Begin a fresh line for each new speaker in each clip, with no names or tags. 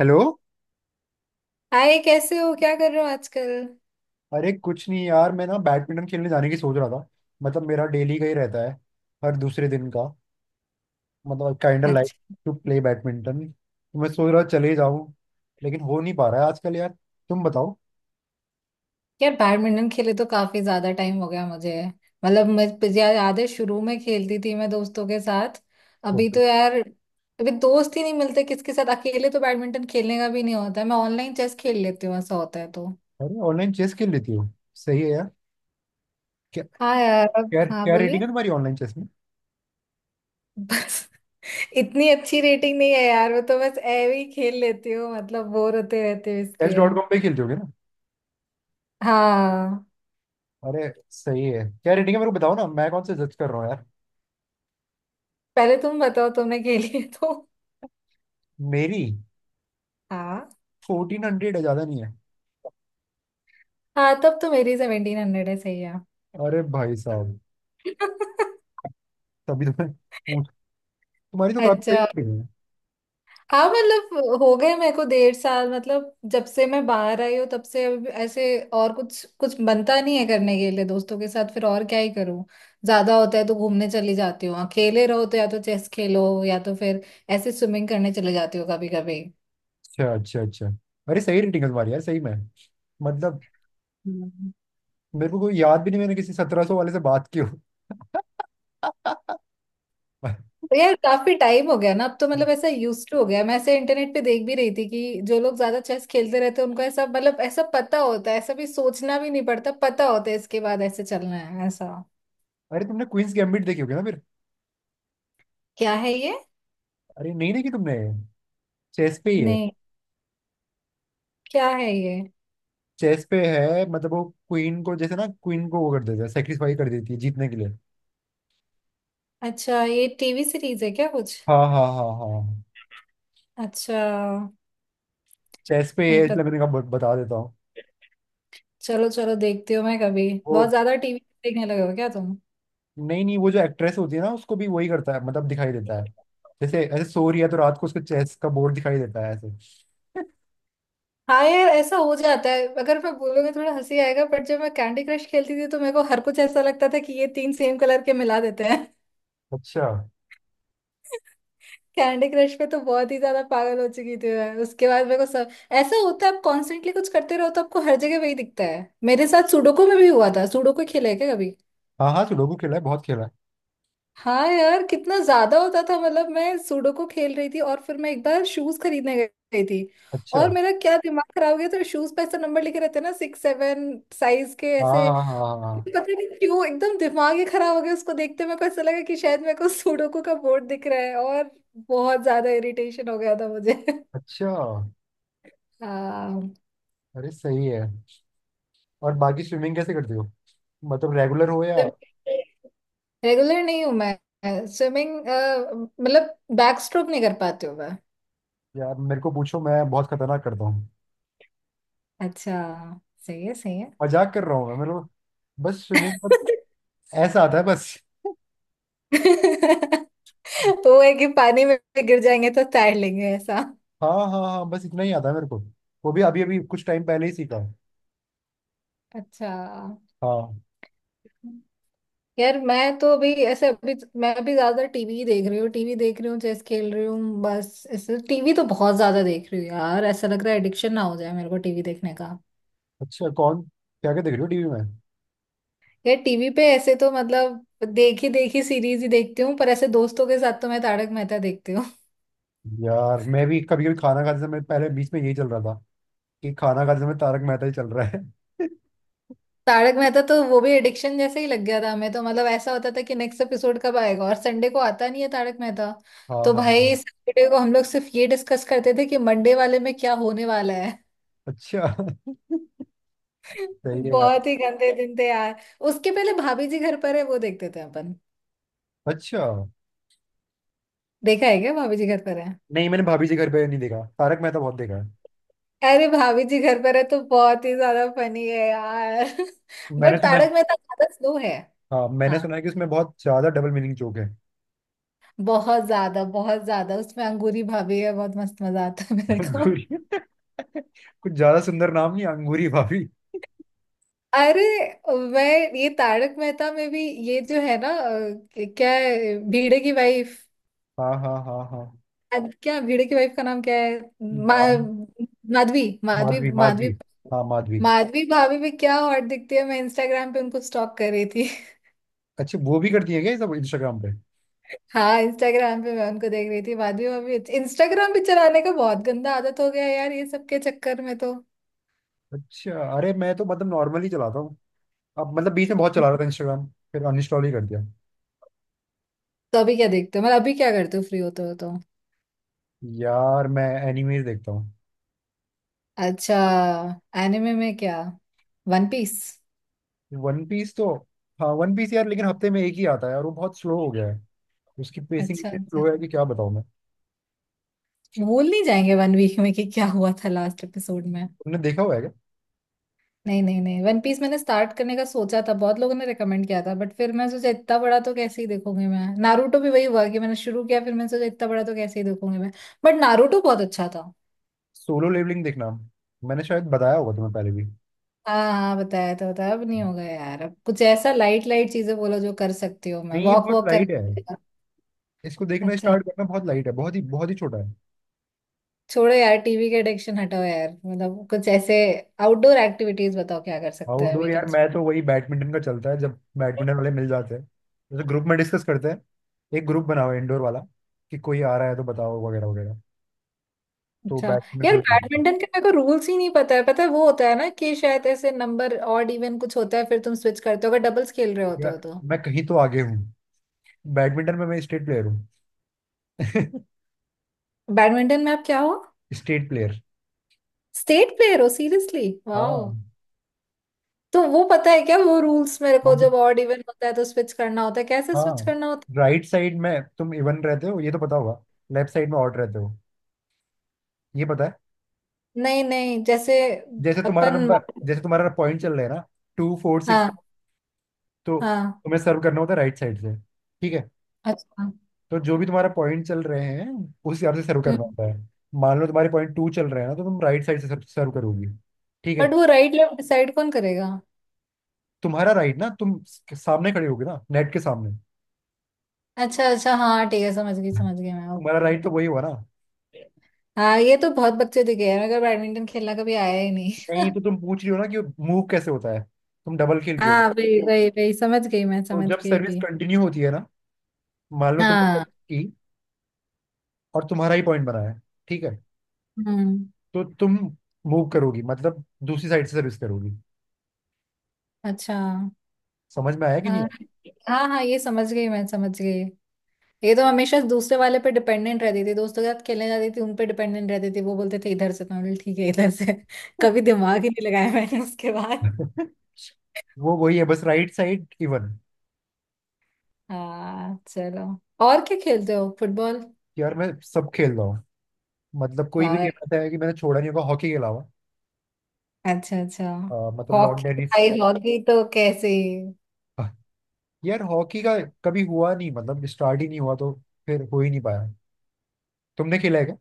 Hello.
Hi. कैसे हो? क्या कर रहे हो आजकल?
अरे कुछ नहीं यार, मैं ना बैडमिंटन खेलने जाने की सोच रहा था। मतलब मेरा डेली का ही रहता है, हर दूसरे दिन का। मतलब काइंड ऑफ लाइक
अच्छा।
टू प्ले बैडमिंटन, तो मैं सोच रहा चले जाऊं। लेकिन हो नहीं पा रहा है आजकल यार। तुम बताओ।
यार, बैडमिंटन खेले तो काफी ज्यादा टाइम हो गया मुझे। मतलब मैं यार, याद है शुरू में खेलती थी मैं दोस्तों के साथ। अभी
ओके।
तो यार अभी दोस्त ही नहीं मिलते, किसके साथ? अकेले तो बैडमिंटन खेलने का भी नहीं होता है। मैं ऑनलाइन चेस खेल लेती हूँ, ऐसा होता है तो।
अरे ऑनलाइन चेस खेल लेती हो, सही है यार। क्या।
हाँ यार, अब
क्या
हाँ
क्या रेटिंग
बोलिए।
है तुम्हारी ऑनलाइन चेस में?
बस, इतनी अच्छी रेटिंग नहीं है यार। वो तो बस ऐवे ही खेल लेती हूँ, मतलब बोर होते रहते हो
चेस
इसलिए।
डॉट कॉम पे खेलते होगे ना।
हाँ।
अरे सही है, क्या रेटिंग है? मेरे को बताओ ना, मैं कौन से जज कर रहा हूँ यार।
पहले तुम बताओ, तुमने खेली है तो।
मेरी
हाँ।
1400 है, ज्यादा नहीं है।
हाँ, तब तो मेरी 1700 है। सही है।
अरे भाई साहब, तभी तो मैं पूछ, तुम्हारी तो काफी सही
अच्छा।
थी।
हाँ, मतलब हो गए मेरे को 1.5 साल, मतलब जब से मैं बाहर आई हूँ तब से अब ऐसे। और कुछ कुछ बनता नहीं है करने के लिए दोस्तों के साथ, फिर और क्या ही करूँ। ज्यादा होता है तो घूमने चली जाती हूँ, अकेले रहो तो या तो चेस खेलो या तो फिर ऐसे स्विमिंग करने चले जाती हूँ कभी कभी।
अच्छा अच्छा अच्छा। अरे सही रेटिंग है तुम्हारी यार, सही में। मतलब मेरे को कोई याद भी नहीं, मैंने किसी 1700 वाले से बात की हो।
तो यार काफी टाइम हो गया ना, अब तो मतलब ऐसा यूज टू हो गया। मैं ऐसे इंटरनेट पे देख भी रही थी कि जो लोग ज्यादा चेस खेलते रहते हैं उनको ऐसा, मतलब ऐसा पता होता है, ऐसा भी सोचना भी नहीं पड़ता, पता होता है इसके बाद ऐसे चलना है ऐसा।
अरे तुमने क्वींस गैम्बिट देखी होगी ना फिर।
क्या है ये?
अरे नहीं देखी तुमने? चेस पे ही है।
नहीं। क्या है ये?
चेस पे है, मतलब वो क्वीन को, जैसे ना, क्वीन को वो कर देता है, सेक्रीफाई कर देती है जीतने के लिए।
अच्छा, ये टीवी सीरीज है क्या कुछ?
हाँ हाँ हाँ हाँ।
अच्छा।
चेस पे
नहीं
है इसलिए
पता।
मैंने कहा बता देता हूँ।
चलो चलो, देखती हो मैं कभी
वो
बहुत ज्यादा टीवी। देखने लगे हो क्या तुम?
नहीं नहीं, वो जो एक्ट्रेस होती है ना, उसको भी वही करता है, मतलब दिखाई देता है। जैसे ऐसे सो रही है तो रात को उसको चेस का बोर्ड दिखाई देता है ऐसे।
हाँ यार, ऐसा हो जाता है। अगर मैं बोलूंगी थोड़ा हंसी आएगा, बट जब मैं कैंडी क्रश खेलती थी तो मेरे को हर कुछ ऐसा लगता था कि ये तीन सेम कलर के मिला देते हैं।
अच्छा।
कैंडी क्रश पे तो बहुत ही ज्यादा पागल हो चुकी थी मैं। उसके बाद मेरे को सब ऐसा होता है, आप कॉन्स्टेंटली कुछ करते रहो तो आपको हर जगह वही दिखता है। मेरे साथ सुडोकू में भी हुआ था। सुडोकू खेला है क्या कभी?
हाँ हाँ सुडोकू खेला है, बहुत खेला है।
हाँ यार, कितना ज्यादा होता था, मतलब मैं सुडोकू खेल रही थी और फिर मैं एक बार शूज खरीदने गई थी,
अच्छा।
और मेरा क्या दिमाग खराब हो गया। तो शूज पे ऐसा नंबर लिखे रहते हैं ना, 6 7 साइज के
हाँ
ऐसे।
हाँ हाँ हाँ हाँ, हाँ।
पता नहीं क्यों एकदम दिमाग ही खराब हो गया। उसको देखते मेरे को ऐसा लगा कि शायद मेरे को सुडोकू का बोर्ड दिख रहा है, और बहुत ज्यादा इरिटेशन हो गया था मुझे।
अच्छा।
हाँ।
अरे सही है। और बाकी स्विमिंग कैसे करते हो? मतलब रेगुलर हो या?
रेगुलर नहीं हूँ मैं स्विमिंग। मतलब बैक स्ट्रोक नहीं कर पाती हूँ मैं।
यार मेरे को पूछो, मैं बहुत खतरनाक करता हूँ।
अच्छा। सही है, सही है।
मजाक कर रहा हूँ मैं, मेरे को बस स्विमिंग का ऐसा आता है बस।
वो है कि पानी में गिर जाएंगे तो तैर लेंगे ऐसा।
हाँ हाँ हाँ, बस इतना ही आता है मेरे को। वो भी अभी अभी कुछ टाइम पहले ही सीखा है।
अच्छा।
हाँ।
यार मैं तो अभी ऐसे अभी मैं अभी ज्यादा टीवी देख रही हूँ चेस खेल रही हूँ, बस ऐसे। टीवी तो बहुत ज्यादा देख रही हूँ यार, ऐसा लग रहा है एडिक्शन ना हो जाए मेरे को टीवी देखने का।
अच्छा, कौन, क्या क्या देख रहे हो टीवी में?
यार टीवी पे ऐसे तो मतलब देखी देखी सीरीज ही देखती हूँ, पर ऐसे दोस्तों के साथ तो मैं तारक मेहता देखती हूँ।
यार मैं भी कभी कभी खाना खाते समय, पहले बीच में यही चल रहा था, कि खाना खाते समय तारक मेहता ही चल रहा है।
तारक मेहता तो वो भी एडिक्शन जैसे ही लग गया था हमें, तो मतलब ऐसा होता था कि नेक्स्ट एपिसोड कब आएगा, और संडे को आता नहीं है तारक मेहता।
हाँ
तो
हाँ हाँ।
भाई, सैटरडे को हम लोग सिर्फ ये डिस्कस करते थे कि मंडे वाले में क्या होने वाला।
अच्छा। सही है यार।
बहुत ही गंदे दिन थे यार। उसके पहले भाभी जी घर पर है वो देखते थे अपन।
अच्छा।
देखा है क्या भाभी जी घर पर है?
नहीं, मैंने भाभी जी घर पे नहीं देखा, तारक मेहता बहुत देखा है।
अरे, भाभी जी घर पर है तो बहुत ही ज्यादा फनी है यार।
मैंने
बट
सुना
तारक
है।
मेहता ज्यादा स्लो है।
हाँ मैंने
हाँ,
सुना है कि उसमें बहुत ज्यादा डबल मीनिंग जोक है।
बहुत ज्यादा उसमें अंगूरी भाभी है, बहुत मस्त मजा आता है मेरे को।
अंगूरी। कुछ ज्यादा सुंदर नाम नहीं अंगूरी भाभी।
अरे मैं ये तारक मेहता में भी, ये जो है ना क्या है भिड़े की वाइफ,
हाँ हाँ हाँ हाँ।
क्या भिड़े की वाइफ का नाम क्या है
नाम
माधवी माधवी
माधवी
माधवी।
माधवी। हाँ माधवी।
माधवी भाभी भी क्या हॉट दिखती है, मैं इंस्टाग्राम पे उनको स्टॉक कर रही थी।
अच्छा, वो भी करती है क्या ये सब इंस्टाग्राम पे?
हाँ, इंस्टाग्राम पे मैं उनको देख रही थी माधवी भाभी। इंस्टाग्राम पे चलाने का बहुत गंदा आदत हो गया है यार, ये सब के चक्कर में तो।
अच्छा, अरे मैं तो मतलब नॉर्मली चलाता हूँ। अब मतलब बीच में बहुत चला रहा था इंस्टाग्राम, फिर अनइंस्टॉल ही कर दिया।
तो अभी क्या देखते हो, मतलब अभी क्या करते हो फ्री होते हो तो?
यार मैं एनिमेज देखता हूँ।
अच्छा। एनिमे में क्या, वन पीस?
वन पीस तो, हाँ वन पीस यार, लेकिन हफ्ते में एक ही आता है और वो बहुत स्लो हो गया है। उसकी पेसिंग
अच्छा,
इतनी
अच्छा।
स्लो है कि क्या बताऊँ मैं।
भूल नहीं जाएंगे वन वीक में कि क्या हुआ था लास्ट एपिसोड में?
तुमने देखा हुआ है क्या?
नहीं नहीं नहीं, वन पीस मैंने स्टार्ट करने का सोचा था, बहुत लोगों ने रेकमेंड किया था बट फिर मैं सोचा इतना बड़ा तो कैसे ही देखूंगी मैं। नारुतो भी वही हुआ कि मैंने शुरू किया, फिर मैंने सोचा इतना बड़ा तो कैसे ही देखूंगी मैं। बट नारुतो बहुत अच्छा था।
सोलो लेवलिंग देखना, मैंने शायद बताया होगा तुम्हें पहले भी।
हाँ हाँ, बताया तो बताया, अब नहीं होगा यार, अब कुछ ऐसा लाइट लाइट चीजें बोलो जो कर सकती हो मैं।
नहीं, ये
वॉक
बहुत
वॉक
लाइट है।
करना।
इसको देखना
अच्छा।
स्टार्ट करना बहुत लाइट है, बहुत ही छोटा है।
छोड़ो यार, टीवी के एडिक्शन हटाओ यार, मतलब कुछ ऐसे आउटडोर एक्टिविटीज बताओ, क्या कर सकते हैं
आउटडोर? यार
वीकेंड्स?
मैं तो वही बैडमिंटन का चलता है, जब बैडमिंटन वाले मिल जाते हैं। जैसे ग्रुप में डिस्कस करते हैं, एक ग्रुप बनाओ इंडोर वाला, कि कोई आ रहा है तो बताओ वगैरह वगैरह। तो
अच्छा।
बैडमिंटन
यार
खेलने।
बैडमिंटन का मेरे को रूल्स ही नहीं पता है। पता है वो होता है ना कि शायद ऐसे नंबर ऑड इवन कुछ होता है, फिर तुम स्विच करते हो अगर डबल्स खेल रहे होते हो
यार
तो।
मैं कहीं तो आगे हूँ, बैडमिंटन में मैं स्टेट प्लेयर हूँ।
बैडमिंटन में आप क्या हो?
State player.
स्टेट प्लेयर हो सीरियसली? वाह।
हाँ।
तो वो पता है क्या वो रूल्स मेरे
वो
को, जब
भी-
ऑड इवन होता है तो स्विच करना होता है, कैसे स्विच
हाँ,
करना होता
राइट साइड में तुम इवन रहते हो, ये तो पता होगा। लेफ्ट साइड में ऑड रहते हो, ये पता है।
है? नहीं नहीं, जैसे
जैसे तुम्हारा
अपन।
नंबर, जैसे तुम्हारा पॉइंट चल रहा है ना, 2, 4, 6,
हाँ
तो
हाँ।
तुम्हें सर्व करना होता है राइट साइड से। ठीक है?
अच्छा।
तो जो भी तुम्हारा पॉइंट चल रहे हैं, उस हिसाब से सर्व
हम्म।
करना होता है। मान लो तुम्हारे पॉइंट टू चल रहे हैं ना, तो तुम राइट साइड से सर्व करोगी। ठीक
बट
है?
वो राइट लेफ्ट डिसाइड कौन करेगा?
तुम्हारा राइट ना, तुम सामने खड़े होगे ना नेट के सामने।
अच्छा अच्छा, हाँ ठीक है, समझ गई मैं।
तुम्हारा
ओके।
राइट तो वही हुआ ना।
हाँ, ये तो बहुत बच्चे दिखे हैं मगर बैडमिंटन खेलना कभी आया ही नहीं।
नहीं, तो तुम पूछ रही हो ना कि मूव कैसे होता है, तुम डबल खेल रहे हो।
हाँ वही वही वही, समझ गई मैं,
तो
समझ
जब
गई
सर्विस
अभी।
कंटिन्यू होती है ना, मान लो तुमने
हाँ।
service की और तुम्हारा ही पॉइंट बना है, ठीक है?
हम्म।
तो तुम मूव करोगी, मतलब दूसरी साइड से सर्विस करोगी।
अच्छा, हाँ
समझ में आया कि नहीं
हाँ हाँ, ये समझ गई मैं, समझ गई। ये तो हमेशा दूसरे वाले पे डिपेंडेंट रहती थी, दोस्तों के साथ खेलने जाती थी उन पे डिपेंडेंट रहती थी, वो बोलते थे इधर से तो मैं बोली, ठीक है इधर से। कभी दिमाग ही नहीं लगाया मैंने उसके बाद।
आया? वो वही है बस, राइट साइड इवन।
हाँ चलो। और क्या खेलते हो, फुटबॉल?
यार मैं सब खेल रहा हूँ, मतलब कोई भी
वाह।
गेम ऐसा है कि मैंने छोड़ा नहीं होगा हॉकी के अलावा।
अच्छा अच्छा।
मतलब लॉन
हॉकी
टेनिस।
भाई, हॉकी तो कैसे?
यार हॉकी का कभी हुआ नहीं, मतलब स्टार्ट ही नहीं हुआ तो फिर हो ही नहीं पाया। तुमने खेला है क्या?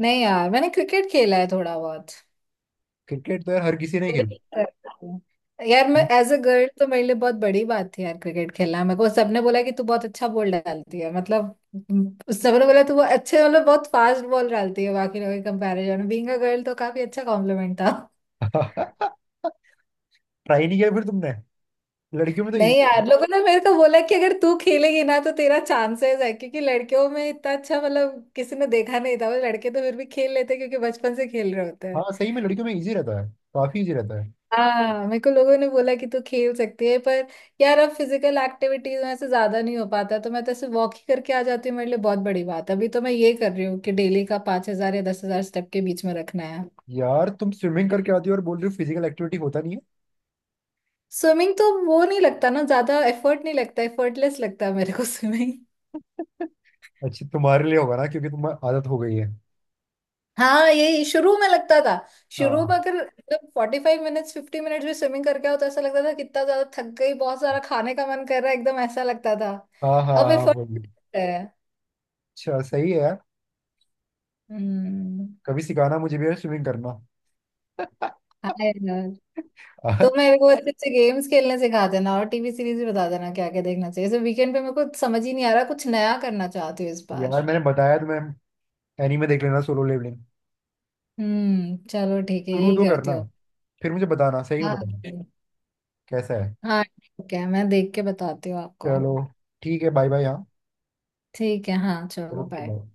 नहीं यार, मैंने क्रिकेट खेला है थोड़ा बहुत।
क्रिकेट तो यार हर किसी ने खेला।
Bowling करती हूँ। यार मैं एज अ गर्ल तो मेरे लिए बहुत बड़ी बात थी यार क्रिकेट खेलना। मेरे को सबने बोला कि तू बहुत अच्छा बॉल डालती है, मतलब सबने बोला तू बहुत अच्छे, मतलब बहुत फास्ट बॉल डालती है बाकी लोगों के कंपैरिजन में। बीइंग अ गर्ल तो काफी अच्छा कॉम्प्लीमेंट था।
ट्राई नहीं किया फिर तुमने? लड़कियों में तो इजी।
नहीं यार, लोगों ने मेरे को बोला कि अगर तू खेलेगी ना तो तेरा चांसेस है, क्योंकि लड़कियों में इतना अच्छा, मतलब किसी ने देखा नहीं था। वो लड़के तो फिर भी खेल लेते हैं क्योंकि बचपन से खेल रहे होते हैं।
हाँ सही में लड़कियों में इजी रहता है, काफी इजी रहता है।
हाँ, मेरे को लोगों ने बोला कि तू खेल सकती है पर यार, अब फिजिकल एक्टिविटीज में से ज्यादा नहीं हो पाता, तो मैं तो ऐसे वॉक ही करके आ जाती हूँ, मेरे लिए बहुत बड़ी बात है। अभी तो मैं ये कर रही हूँ कि डेली का 5,000 या 10,000 स्टेप के बीच में रखना है।
यार तुम स्विमिंग करके आती हो और बोल रही हो फिजिकल एक्टिविटी होता नहीं है।
स्विमिंग तो वो नहीं लगता ना, ज्यादा एफर्ट नहीं लगता, एफर्टलेस लगता है मेरे को। स्विमिंग।
अच्छी तुम्हारे लिए होगा ना, क्योंकि तुम्हें आदत हो गई है।
हाँ, यही शुरू में लगता था। शुरू
हाँ
में अगर, मतलब 45 मिनट्स 50 मिनट्स में स्विमिंग करके आओ तो ऐसा लगता था कितना ज्यादा थक गई, बहुत सारा खाने का मन कर रहा है, एकदम ऐसा लगता था।
हाँ हाँ
अब
हाँ,
एफर्ट
वही।
है।
अच्छा सही है यार।
हम्म।
कभी सिखाना मुझे भी यार, स्विमिंग करना।
हाँ यार, तो मेरे को अच्छे अच्छे गेम्स खेलने सिखा देना, और टीवी सीरीज भी बता देना क्या क्या देखना चाहिए। जैसे वीकेंड पे मेरे को समझ ही नहीं आ रहा, कुछ नया करना चाहती हूँ इस बार।
यार मैंने बताया तुम्हें, एनीमे देख लेना, सोलो लेवलिंग।
हम्म, चलो ठीक है,
शुरू
यही
तो
करती
करना,
हूँ।
फिर मुझे बताना, सही में
हाँ
बताना, कैसा है।
हाँ, ठीक है, मैं देख के बताती हूँ आपको।
चलो ठीक है, बाय बाय, हाँ।
ठीक है, हाँ चलो
ओके
बाय।
बाय।